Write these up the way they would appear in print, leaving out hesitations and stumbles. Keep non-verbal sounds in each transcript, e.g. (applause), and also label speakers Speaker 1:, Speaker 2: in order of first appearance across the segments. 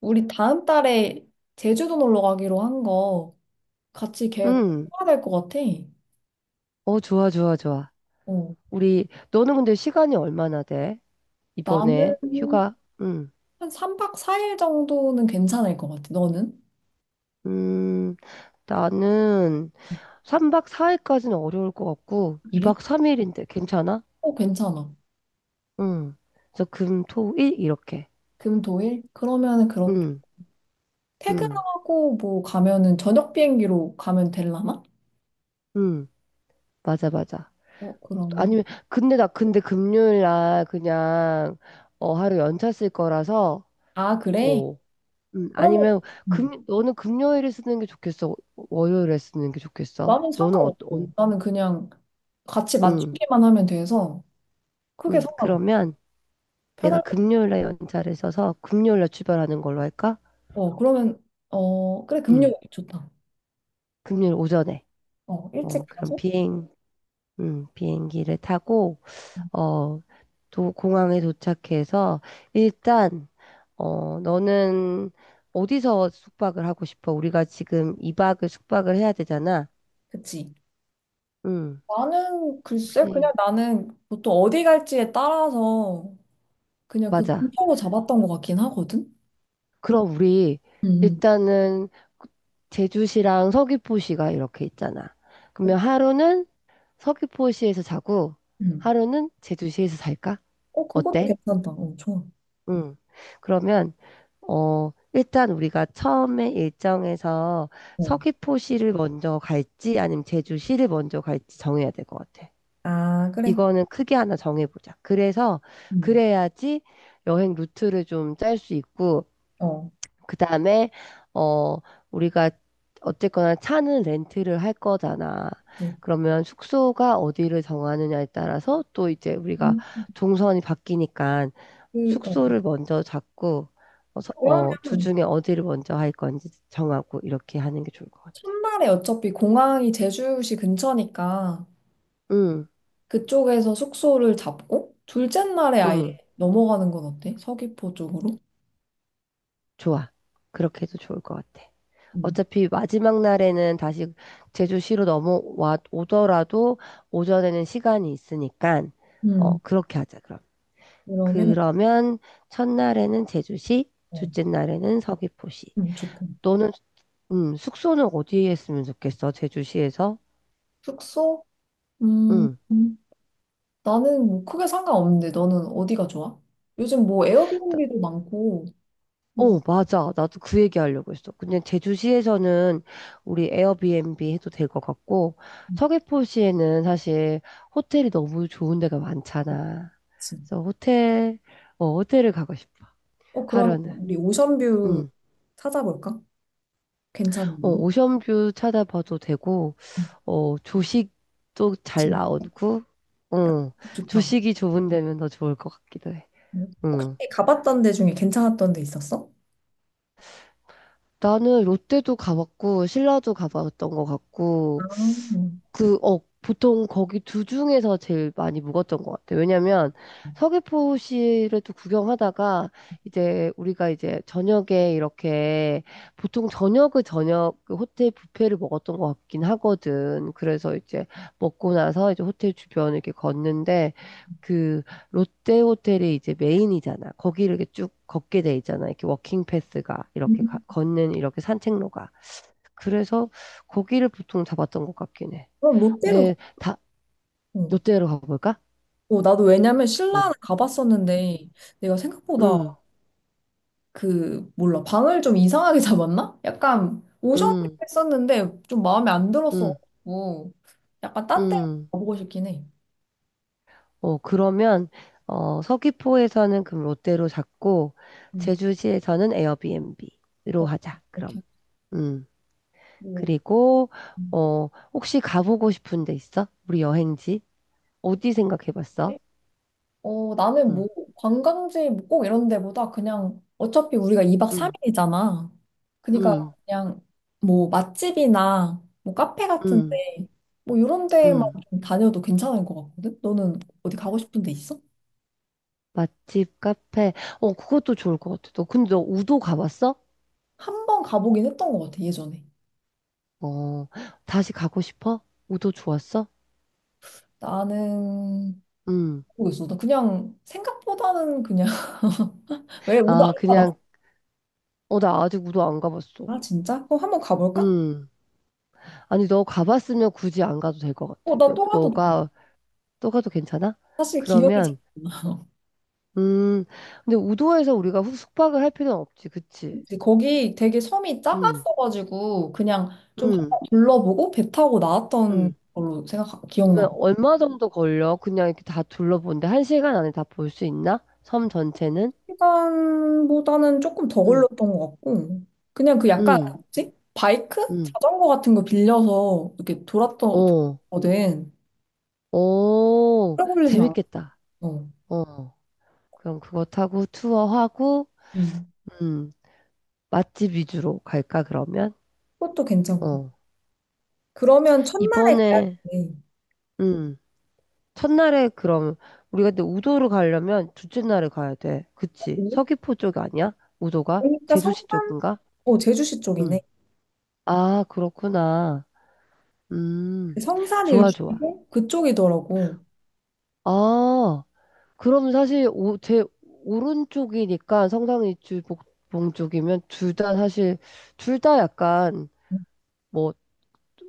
Speaker 1: 우리 다음 달에 제주도 놀러 가기로 한 거 같이 계획
Speaker 2: 응.
Speaker 1: 해야 될 것 같아.
Speaker 2: 어, 좋아, 좋아, 좋아.
Speaker 1: 어.
Speaker 2: 우리, 너는 근데 시간이 얼마나 돼?
Speaker 1: 나는
Speaker 2: 이번에 휴가? 응.
Speaker 1: 한 3박 4일 정도는 괜찮을 것 같아. 너는?
Speaker 2: 음, 나는 3박 4일까지는 어려울 것 같고,
Speaker 1: 그래?
Speaker 2: 2박 3일인데 괜찮아?
Speaker 1: 어, 괜찮아.
Speaker 2: 응. 그래서 금, 토, 일 이렇게.
Speaker 1: 금, 토, 일? 그러면은 그렇게
Speaker 2: 응, 응,
Speaker 1: 퇴근하고 뭐 가면은 저녁 비행기로 가면 되려나?
Speaker 2: 응. 맞아, 맞아.
Speaker 1: 어, 그러면.
Speaker 2: 아니면, 근데 나 근데 금요일 날 그냥, 하루 연차 쓸 거라서,
Speaker 1: 아, 그래?
Speaker 2: 어,
Speaker 1: 그러면
Speaker 2: 아니면
Speaker 1: 음.
Speaker 2: 금 너는 금요일에 쓰는 게 좋겠어? 월요일에 쓰는 게 좋겠어?
Speaker 1: 나는
Speaker 2: 너는 어떤
Speaker 1: 상관없고. 나는 그냥 같이
Speaker 2: 응,
Speaker 1: 맞추기만 하면 돼서 크게
Speaker 2: 응.
Speaker 1: 상관없어.
Speaker 2: 그러면 내가
Speaker 1: 편할 것같
Speaker 2: 금요일에 연차를 써서 금요일에 출발하는 걸로 할까?
Speaker 1: 어, 그러면 어, 그래,
Speaker 2: 응.
Speaker 1: 금요일 좋다.
Speaker 2: 금요일 오전에.
Speaker 1: 어, 일찍
Speaker 2: 그럼
Speaker 1: 가서?
Speaker 2: 비행 응, 비행기를 타고
Speaker 1: 음,
Speaker 2: 어, 도 공항에 도착해서 일단 너는 어디서 숙박을 하고 싶어? 우리가 지금 2박을 숙박을 해야 되잖아.
Speaker 1: 그치.
Speaker 2: 응.
Speaker 1: 나는 글쎄
Speaker 2: 혹시
Speaker 1: 그냥 나는 보통 어디 갈지에 따라서 그냥 그
Speaker 2: 맞아.
Speaker 1: 근처로 잡았던 것 같긴 하거든.
Speaker 2: 그럼 우리
Speaker 1: 음,
Speaker 2: 일단은 제주시랑 서귀포시가 이렇게 있잖아.
Speaker 1: 그-
Speaker 2: 그러면 하루는 서귀포시에서 자고
Speaker 1: 음,
Speaker 2: 하루는 제주시에서 살까?
Speaker 1: 어 그것도
Speaker 2: 어때?
Speaker 1: 괜찮다. 어 좋아.
Speaker 2: 응. 그러면 일단 우리가 처음에 일정에서
Speaker 1: 어.
Speaker 2: 서귀포시를 먼저 갈지 아니면 제주시를 먼저 갈지 정해야 될 것 같아.
Speaker 1: 아 그래.
Speaker 2: 이거는 크게 하나 정해보자. 그래서
Speaker 1: 음.
Speaker 2: 그래야지 여행 루트를 좀 짤 수 있고
Speaker 1: 어.
Speaker 2: 그다음에 어 우리가 어쨌거나 차는 렌트를 할 거잖아.
Speaker 1: 네.
Speaker 2: 그러면 숙소가 어디를 정하느냐에 따라서 또 이제 우리가
Speaker 1: 음.
Speaker 2: 동선이 바뀌니까
Speaker 1: 그 어.
Speaker 2: 숙소를 먼저 잡고
Speaker 1: 그러면
Speaker 2: 주중에 어디를 먼저 할 건지 정하고 이렇게 하는 게 좋을 것 같아.
Speaker 1: 첫날에 어차피 공항이 제주시 근처니까
Speaker 2: 응,
Speaker 1: 그쪽에서 숙소를 잡고 둘째 날에 아예
Speaker 2: 응,
Speaker 1: 넘어가는 건 어때? 서귀포 쪽으로?
Speaker 2: 좋아. 그렇게 해도 좋을 것 같아.
Speaker 1: 음.
Speaker 2: 어차피 마지막 날에는 다시 제주시로 넘어와 오더라도 오전에는 시간이 있으니까
Speaker 1: 음.
Speaker 2: 그렇게 하자, 그럼.
Speaker 1: 그러면
Speaker 2: 그러면 첫날에는 제주시,
Speaker 1: 어,
Speaker 2: 둘째 날에는 서귀포시.
Speaker 1: 좋다.
Speaker 2: 너는 숙소는 어디에 했으면 좋겠어? 제주시에서?
Speaker 1: 숙소? 음,
Speaker 2: 응.
Speaker 1: 음. 나는 뭐 크게 상관없는데 너는 어디가 좋아? 요즘 뭐
Speaker 2: 나-
Speaker 1: 에어비앤비도 많고 뭐
Speaker 2: 맞아. 나도 그 얘기 하려고 했어. 근데 제주시에서는 우리 에어비앤비 해도 될 것 같고,
Speaker 1: 음,
Speaker 2: 서귀포시에는 사실 호텔이 너무 좋은 데가 많잖아.
Speaker 1: 그치.
Speaker 2: 그래서 호텔을 가고 싶어.
Speaker 1: 어 그러면
Speaker 2: 하루는.
Speaker 1: 우리 오션뷰
Speaker 2: 응.
Speaker 1: 찾아볼까? 괜찮은데?
Speaker 2: 오션뷰 찾아봐도 되고,
Speaker 1: 음,
Speaker 2: 조식도 잘
Speaker 1: 진짜
Speaker 2: 나오고, 어,
Speaker 1: 좋다.
Speaker 2: 조식이 좋은 데면 더 좋을 것 같기도 해.
Speaker 1: 음. 혹시
Speaker 2: 응.
Speaker 1: 가봤던 데 중에 괜찮았던 데 있었어?
Speaker 2: 나는 롯데도 가봤고, 신라도 가봤던 것
Speaker 1: 아,
Speaker 2: 같고, 보통 거기 두 중에서 제일 많이 묵었던 것 같아요. 왜냐면 서귀포시를 또 구경하다가 이제 우리가 이제 저녁에 이렇게 보통 저녁 그 호텔 뷔페를 먹었던 것 같긴 하거든. 그래서 이제 먹고 나서 이제 호텔 주변을 이렇게 걷는데 그 롯데 호텔이 이제 메인이잖아. 거기를 이렇게 쭉 걷게 돼 있잖아. 이렇게 워킹 패스가
Speaker 1: 음.
Speaker 2: 이렇게 걷는 이렇게 산책로가. 그래서 거기를 보통 잡았던 것 같긴 해.
Speaker 1: 그럼 롯데로 가.
Speaker 2: 근데 다
Speaker 1: 어.
Speaker 2: 롯데로 가볼까?
Speaker 1: 어, 나도 왜냐면
Speaker 2: 어.
Speaker 1: 신라는 가봤었는데
Speaker 2: 응.
Speaker 1: 내가 생각보다
Speaker 2: 응,
Speaker 1: 그 몰라 방을 좀 이상하게 (laughs) 잡았나? 약간 오션뷰
Speaker 2: 응,
Speaker 1: 했었는데 좀 마음에 안
Speaker 2: 응,
Speaker 1: 들었어가지고 약간 딴데
Speaker 2: 응.
Speaker 1: 가보고 싶긴 해.
Speaker 2: 그러면 서귀포에서는 그럼 롯데로 잡고
Speaker 1: 음.
Speaker 2: 제주시에서는 에어비앤비로
Speaker 1: 어,
Speaker 2: 하자. 그럼.
Speaker 1: 이렇게
Speaker 2: 음.
Speaker 1: 뭐
Speaker 2: 그리고
Speaker 1: 음.
Speaker 2: 어, 혹시 가보고 싶은 데 있어? 우리 여행지? 어디 생각해봤어?
Speaker 1: 어, 나는 뭐
Speaker 2: 음,
Speaker 1: 관광지 뭐꼭 이런 데보다 그냥 어차피 우리가 2박
Speaker 2: 음,
Speaker 1: 3일이잖아. 그러니까
Speaker 2: 음,
Speaker 1: 그냥 뭐 맛집이나 뭐 카페
Speaker 2: 음,
Speaker 1: 같은데 뭐 이런 데만
Speaker 2: 음.
Speaker 1: 좀 다녀도 괜찮을 것 같거든? 너는 어디 가고 싶은 데 있어?
Speaker 2: 맛집, 카페. 그것도 좋을 것 같아. 너, 근데 너 우도 가봤어?
Speaker 1: 한번 가보긴 했던 것 같아 예전에.
Speaker 2: 어, 다시 가고 싶어? 우도 좋았어?
Speaker 1: 나는
Speaker 2: 음.
Speaker 1: 모르겠어. 나 그냥 생각보다는 그냥 (laughs) 왜 우도
Speaker 2: 아,
Speaker 1: 안 가봤어?
Speaker 2: 그냥, 나 아직 우도 안 가봤어.
Speaker 1: 아, 진짜? 그럼 한번 가볼까?
Speaker 2: 음. 아니, 너 가봤으면 굳이 안 가도 될 것
Speaker 1: 어,
Speaker 2: 같아.
Speaker 1: 나
Speaker 2: 너,
Speaker 1: 또 가도 돼.
Speaker 2: 너가, 또 가도 괜찮아?
Speaker 1: 사실 기억이 잘
Speaker 2: 그러면, 음. 근데 우도에서 우리가 숙박을 할 필요는 없지, 그치?
Speaker 1: 안 나지. 거기 되게 섬이
Speaker 2: 음,
Speaker 1: 작았어가지고 그냥 좀 한번
Speaker 2: 음,
Speaker 1: 둘러보고 배 타고 나왔던
Speaker 2: 음.
Speaker 1: 걸로 생각 기억나.
Speaker 2: 그러면 얼마 정도 걸려? 그냥 이렇게 다 둘러본데 1시간 안에 다 볼 수 있나? 섬 전체는?
Speaker 1: 시간보다는 조금 더
Speaker 2: 응,
Speaker 1: 걸렸던 것 같고. 그냥 그 약간
Speaker 2: 응,
Speaker 1: 뭐지? 바이크?
Speaker 2: 응.
Speaker 1: 자전거 같은 거 빌려서 이렇게 돌았던
Speaker 2: 어,
Speaker 1: 돌았거든. 오래 걸리진 않았어.
Speaker 2: 재밌겠다.
Speaker 1: 음.
Speaker 2: 어, 그럼 그거 타고 투어하고,
Speaker 1: 음.
Speaker 2: 음, 맛집 위주로 갈까, 그러면?
Speaker 1: 그것도 괜찮고.
Speaker 2: 어,
Speaker 1: 그러면 천만에 가야
Speaker 2: 이번에,
Speaker 1: 겠
Speaker 2: 음, 첫날에 그럼, 우리가 근데 우도를 가려면 둘째 날에 가야 돼. 그치?
Speaker 1: 네
Speaker 2: 서귀포 쪽 아니야? 우도가?
Speaker 1: 그러니까
Speaker 2: 제주시
Speaker 1: 성산,
Speaker 2: 쪽인가?
Speaker 1: 어, 제주시 쪽이네.
Speaker 2: 응. 아, 그렇구나. 음,
Speaker 1: 그 성산
Speaker 2: 좋아, 좋아.
Speaker 1: 일주고 그쪽이더라고.
Speaker 2: 아, 그럼 사실 오, 제 오른쪽이니까 성당이 주복봉 쪽이면 둘 다 사실 둘 다 약간 뭐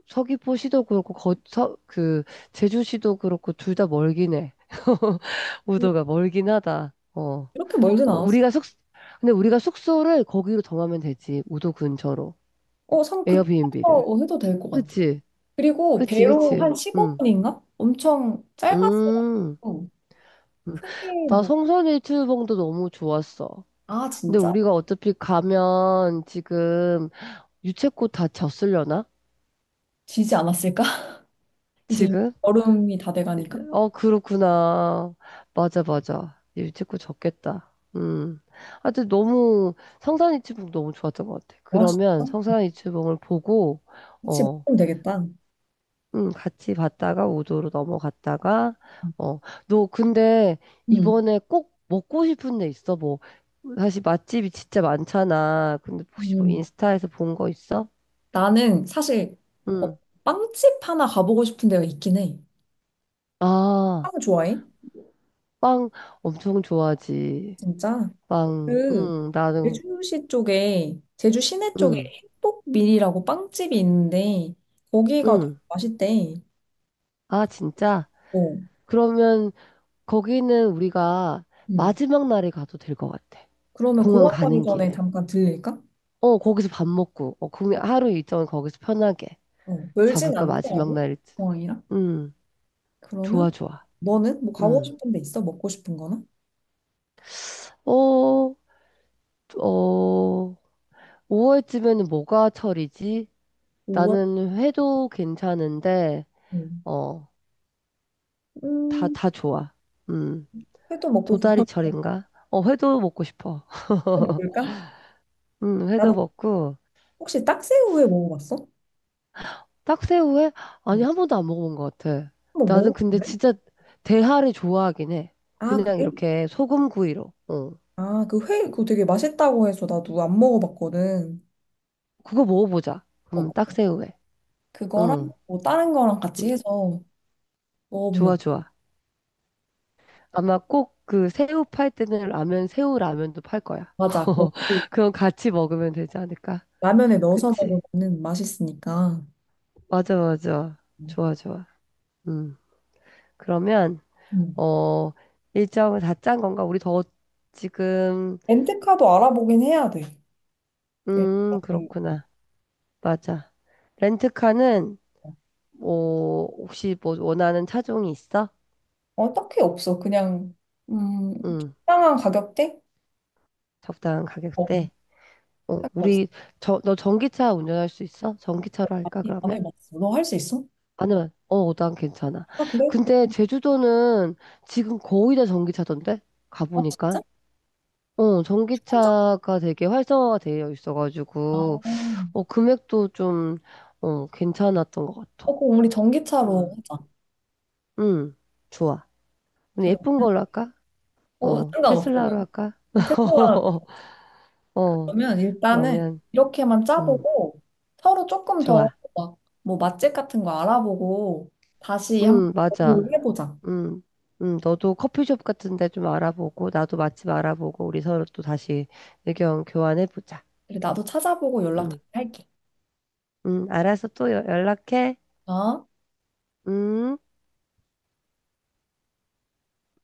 Speaker 2: 서귀포시도 그렇고 거, 서, 그 제주시도 그렇고 둘 다 멀긴 해. (laughs)
Speaker 1: 응.
Speaker 2: 우도가 멀긴 하다. 어.
Speaker 1: 이렇게 멀진
Speaker 2: 어,
Speaker 1: 않았어.
Speaker 2: 우리가 숙 근데 우리가 숙소를 거기로 정하면 되지. 우도 근처로.
Speaker 1: 어, 성 그쪽에서
Speaker 2: 에어비앤비를.
Speaker 1: 어, 해도 될 것 같아.
Speaker 2: 그치?
Speaker 1: 그리고
Speaker 2: 그치,
Speaker 1: 배로 한
Speaker 2: 그치. 응.
Speaker 1: 15분인가? 엄청 짧았어요.
Speaker 2: 음. 음.
Speaker 1: 크게
Speaker 2: 나
Speaker 1: 뭐,
Speaker 2: 성산일출봉도 너무 좋았어.
Speaker 1: 아,
Speaker 2: 근데
Speaker 1: 진짜?
Speaker 2: 우리가 어차피 가면 지금 유채꽃 다 졌으려나?
Speaker 1: 지지 않았을까? (laughs) 이제
Speaker 2: 지금?
Speaker 1: 여름이 다 돼가니까.
Speaker 2: 그렇구나. 맞아, 맞아. 유채꽃 졌겠다. 음. 하여튼 너무 성산이치봉 너무 좋았던 것 같아.
Speaker 1: 아,
Speaker 2: 그러면
Speaker 1: 진짜?
Speaker 2: 성산이치봉을 보고,
Speaker 1: 같이
Speaker 2: 어,
Speaker 1: 먹으면 되겠다.
Speaker 2: 같이 봤다가 우도로 넘어갔다가, 어, 너 근데
Speaker 1: 음,
Speaker 2: 이번에 꼭 먹고 싶은 데 있어? 뭐, 사실 맛집이 진짜 많잖아. 근데 혹시 뭐
Speaker 1: 음.
Speaker 2: 인스타에서 본 거 있어?
Speaker 1: 나는 사실 어,
Speaker 2: 응.
Speaker 1: 빵집 하나 가보고 싶은 데가 있긴 해.
Speaker 2: 아.
Speaker 1: 빵 좋아해?
Speaker 2: 빵 엄청 좋아하지.
Speaker 1: 진짜?
Speaker 2: 빵,
Speaker 1: 그
Speaker 2: 응, 나는,
Speaker 1: 제주시 쪽에 제주 시내 쪽에
Speaker 2: 응,
Speaker 1: 행복밀이라고 빵집이 있는데 거기가 되게
Speaker 2: 응.
Speaker 1: 맛있대.
Speaker 2: 아, 진짜?
Speaker 1: 어.
Speaker 2: 그러면 거기는 우리가
Speaker 1: 음.
Speaker 2: 마지막 날에 가도 될 것 같아.
Speaker 1: 그러면
Speaker 2: 공항
Speaker 1: 공항 가기
Speaker 2: 가는
Speaker 1: 전에
Speaker 2: 길에.
Speaker 1: 잠깐 들릴까?
Speaker 2: 거기서 밥 먹고, 그
Speaker 1: 어.
Speaker 2: 하루 일정을 거기서 편하게
Speaker 1: 어. 멀진
Speaker 2: 잡을까, 마지막
Speaker 1: 않더라고.
Speaker 2: 날.
Speaker 1: 공항이랑.
Speaker 2: 응,
Speaker 1: 그러면
Speaker 2: 좋아, 좋아.
Speaker 1: 너는 뭐 가고
Speaker 2: 응.
Speaker 1: 싶은 데 있어? 먹고 싶은 거나?
Speaker 2: 어, 어, 5월쯤에는 뭐가 철이지?
Speaker 1: 우와.
Speaker 2: 나는 회도 괜찮은데,
Speaker 1: 음.
Speaker 2: 어,
Speaker 1: 음.
Speaker 2: 다 좋아. 음.
Speaker 1: 회도 먹고 그럼
Speaker 2: 도다리철인가? 회도 먹고 싶어.
Speaker 1: 회
Speaker 2: (laughs)
Speaker 1: 먹을까? 나는
Speaker 2: 회도 먹고.
Speaker 1: 혹시 딱새우회 먹어봤어?
Speaker 2: 딱새우회? 아니,
Speaker 1: 응.
Speaker 2: 한 번도 안 먹어본 것 같아.
Speaker 1: 한번
Speaker 2: 나는 근데
Speaker 1: 먹어볼래?
Speaker 2: 진짜 대하를 좋아하긴 해.
Speaker 1: 아,
Speaker 2: 그냥
Speaker 1: 그래?
Speaker 2: 이렇게 소금구이로. 어.
Speaker 1: 아, 그 회, 그거 되게 맛있다고 해서 나도 안 먹어봤거든.
Speaker 2: 그거 먹어보자.
Speaker 1: 어,
Speaker 2: 그럼 딱새우회.
Speaker 1: 그거랑
Speaker 2: 응.
Speaker 1: 뭐 다른 거랑 같이
Speaker 2: 응.
Speaker 1: 해서
Speaker 2: 좋아,
Speaker 1: 먹어보면
Speaker 2: 좋아. 아마 꼭 그 새우 팔 때는 라면, 새우 라면도 팔 거야.
Speaker 1: 맞아. 거기
Speaker 2: (laughs) 그럼 같이 먹으면 되지 않을까?
Speaker 1: 라면에 넣어서
Speaker 2: 그치?
Speaker 1: 먹으면 맛있으니까.
Speaker 2: 맞아, 맞아. 좋아, 좋아. 음. 그러면
Speaker 1: 음.
Speaker 2: 어, 일정을 다 짠 건가? 우리 더 지금,
Speaker 1: 렌트카도 알아보긴 해야 돼. 일단은.
Speaker 2: 그렇구나. 맞아. 렌트카는, 뭐, 혹시 뭐 원하는 차종이 있어?
Speaker 1: 어, 딱히 없어. 그냥 음,
Speaker 2: 응,
Speaker 1: 적당한 가격대?
Speaker 2: 적당한
Speaker 1: 어,
Speaker 2: 가격대.
Speaker 1: 딱히 없어
Speaker 2: 우리, 너 전기차 운전할 수 있어? 전기차로 할까,
Speaker 1: 안
Speaker 2: 그러면?
Speaker 1: 해봤어. 너 할 수 있어?
Speaker 2: 아니면, 난 괜찮아.
Speaker 1: 아, 그래?
Speaker 2: 근데 제주도는 지금 거의 다 전기차던데?
Speaker 1: 아,
Speaker 2: 가보니까.
Speaker 1: 진짜? 혼자?
Speaker 2: 전기차가 되게 활성화가 되어
Speaker 1: 아,
Speaker 2: 있어가지고.
Speaker 1: 어,
Speaker 2: 금액도 좀, 괜찮았던 것 같아.
Speaker 1: 그럼 우리 전기차로
Speaker 2: 음,
Speaker 1: 하자.
Speaker 2: 음, 좋아. 우리
Speaker 1: 그
Speaker 2: 예쁜
Speaker 1: 면
Speaker 2: 걸로 할까?
Speaker 1: 어, 상관없어.
Speaker 2: 테슬라로
Speaker 1: 난.
Speaker 2: 할까?
Speaker 1: 어, 테슬라
Speaker 2: (laughs) 어,
Speaker 1: 그러면 일단은
Speaker 2: 그러면,
Speaker 1: 이렇게만
Speaker 2: 음,
Speaker 1: 짜보고 서로 조금 더
Speaker 2: 좋아.
Speaker 1: 막 뭐 맛집 같은 거 알아보고 다시 한번 공유를
Speaker 2: 맞아.
Speaker 1: 해보자.
Speaker 2: 음, 너도 커피숍 같은 데 좀 알아보고, 나도 맛집 알아보고, 우리 서로 또 다시 의견 교환해보자.
Speaker 1: 그래, 나도 찾아보고 연락
Speaker 2: 음,
Speaker 1: 다시 할게.
Speaker 2: 알아서 또 연락해.
Speaker 1: 어?
Speaker 2: 음.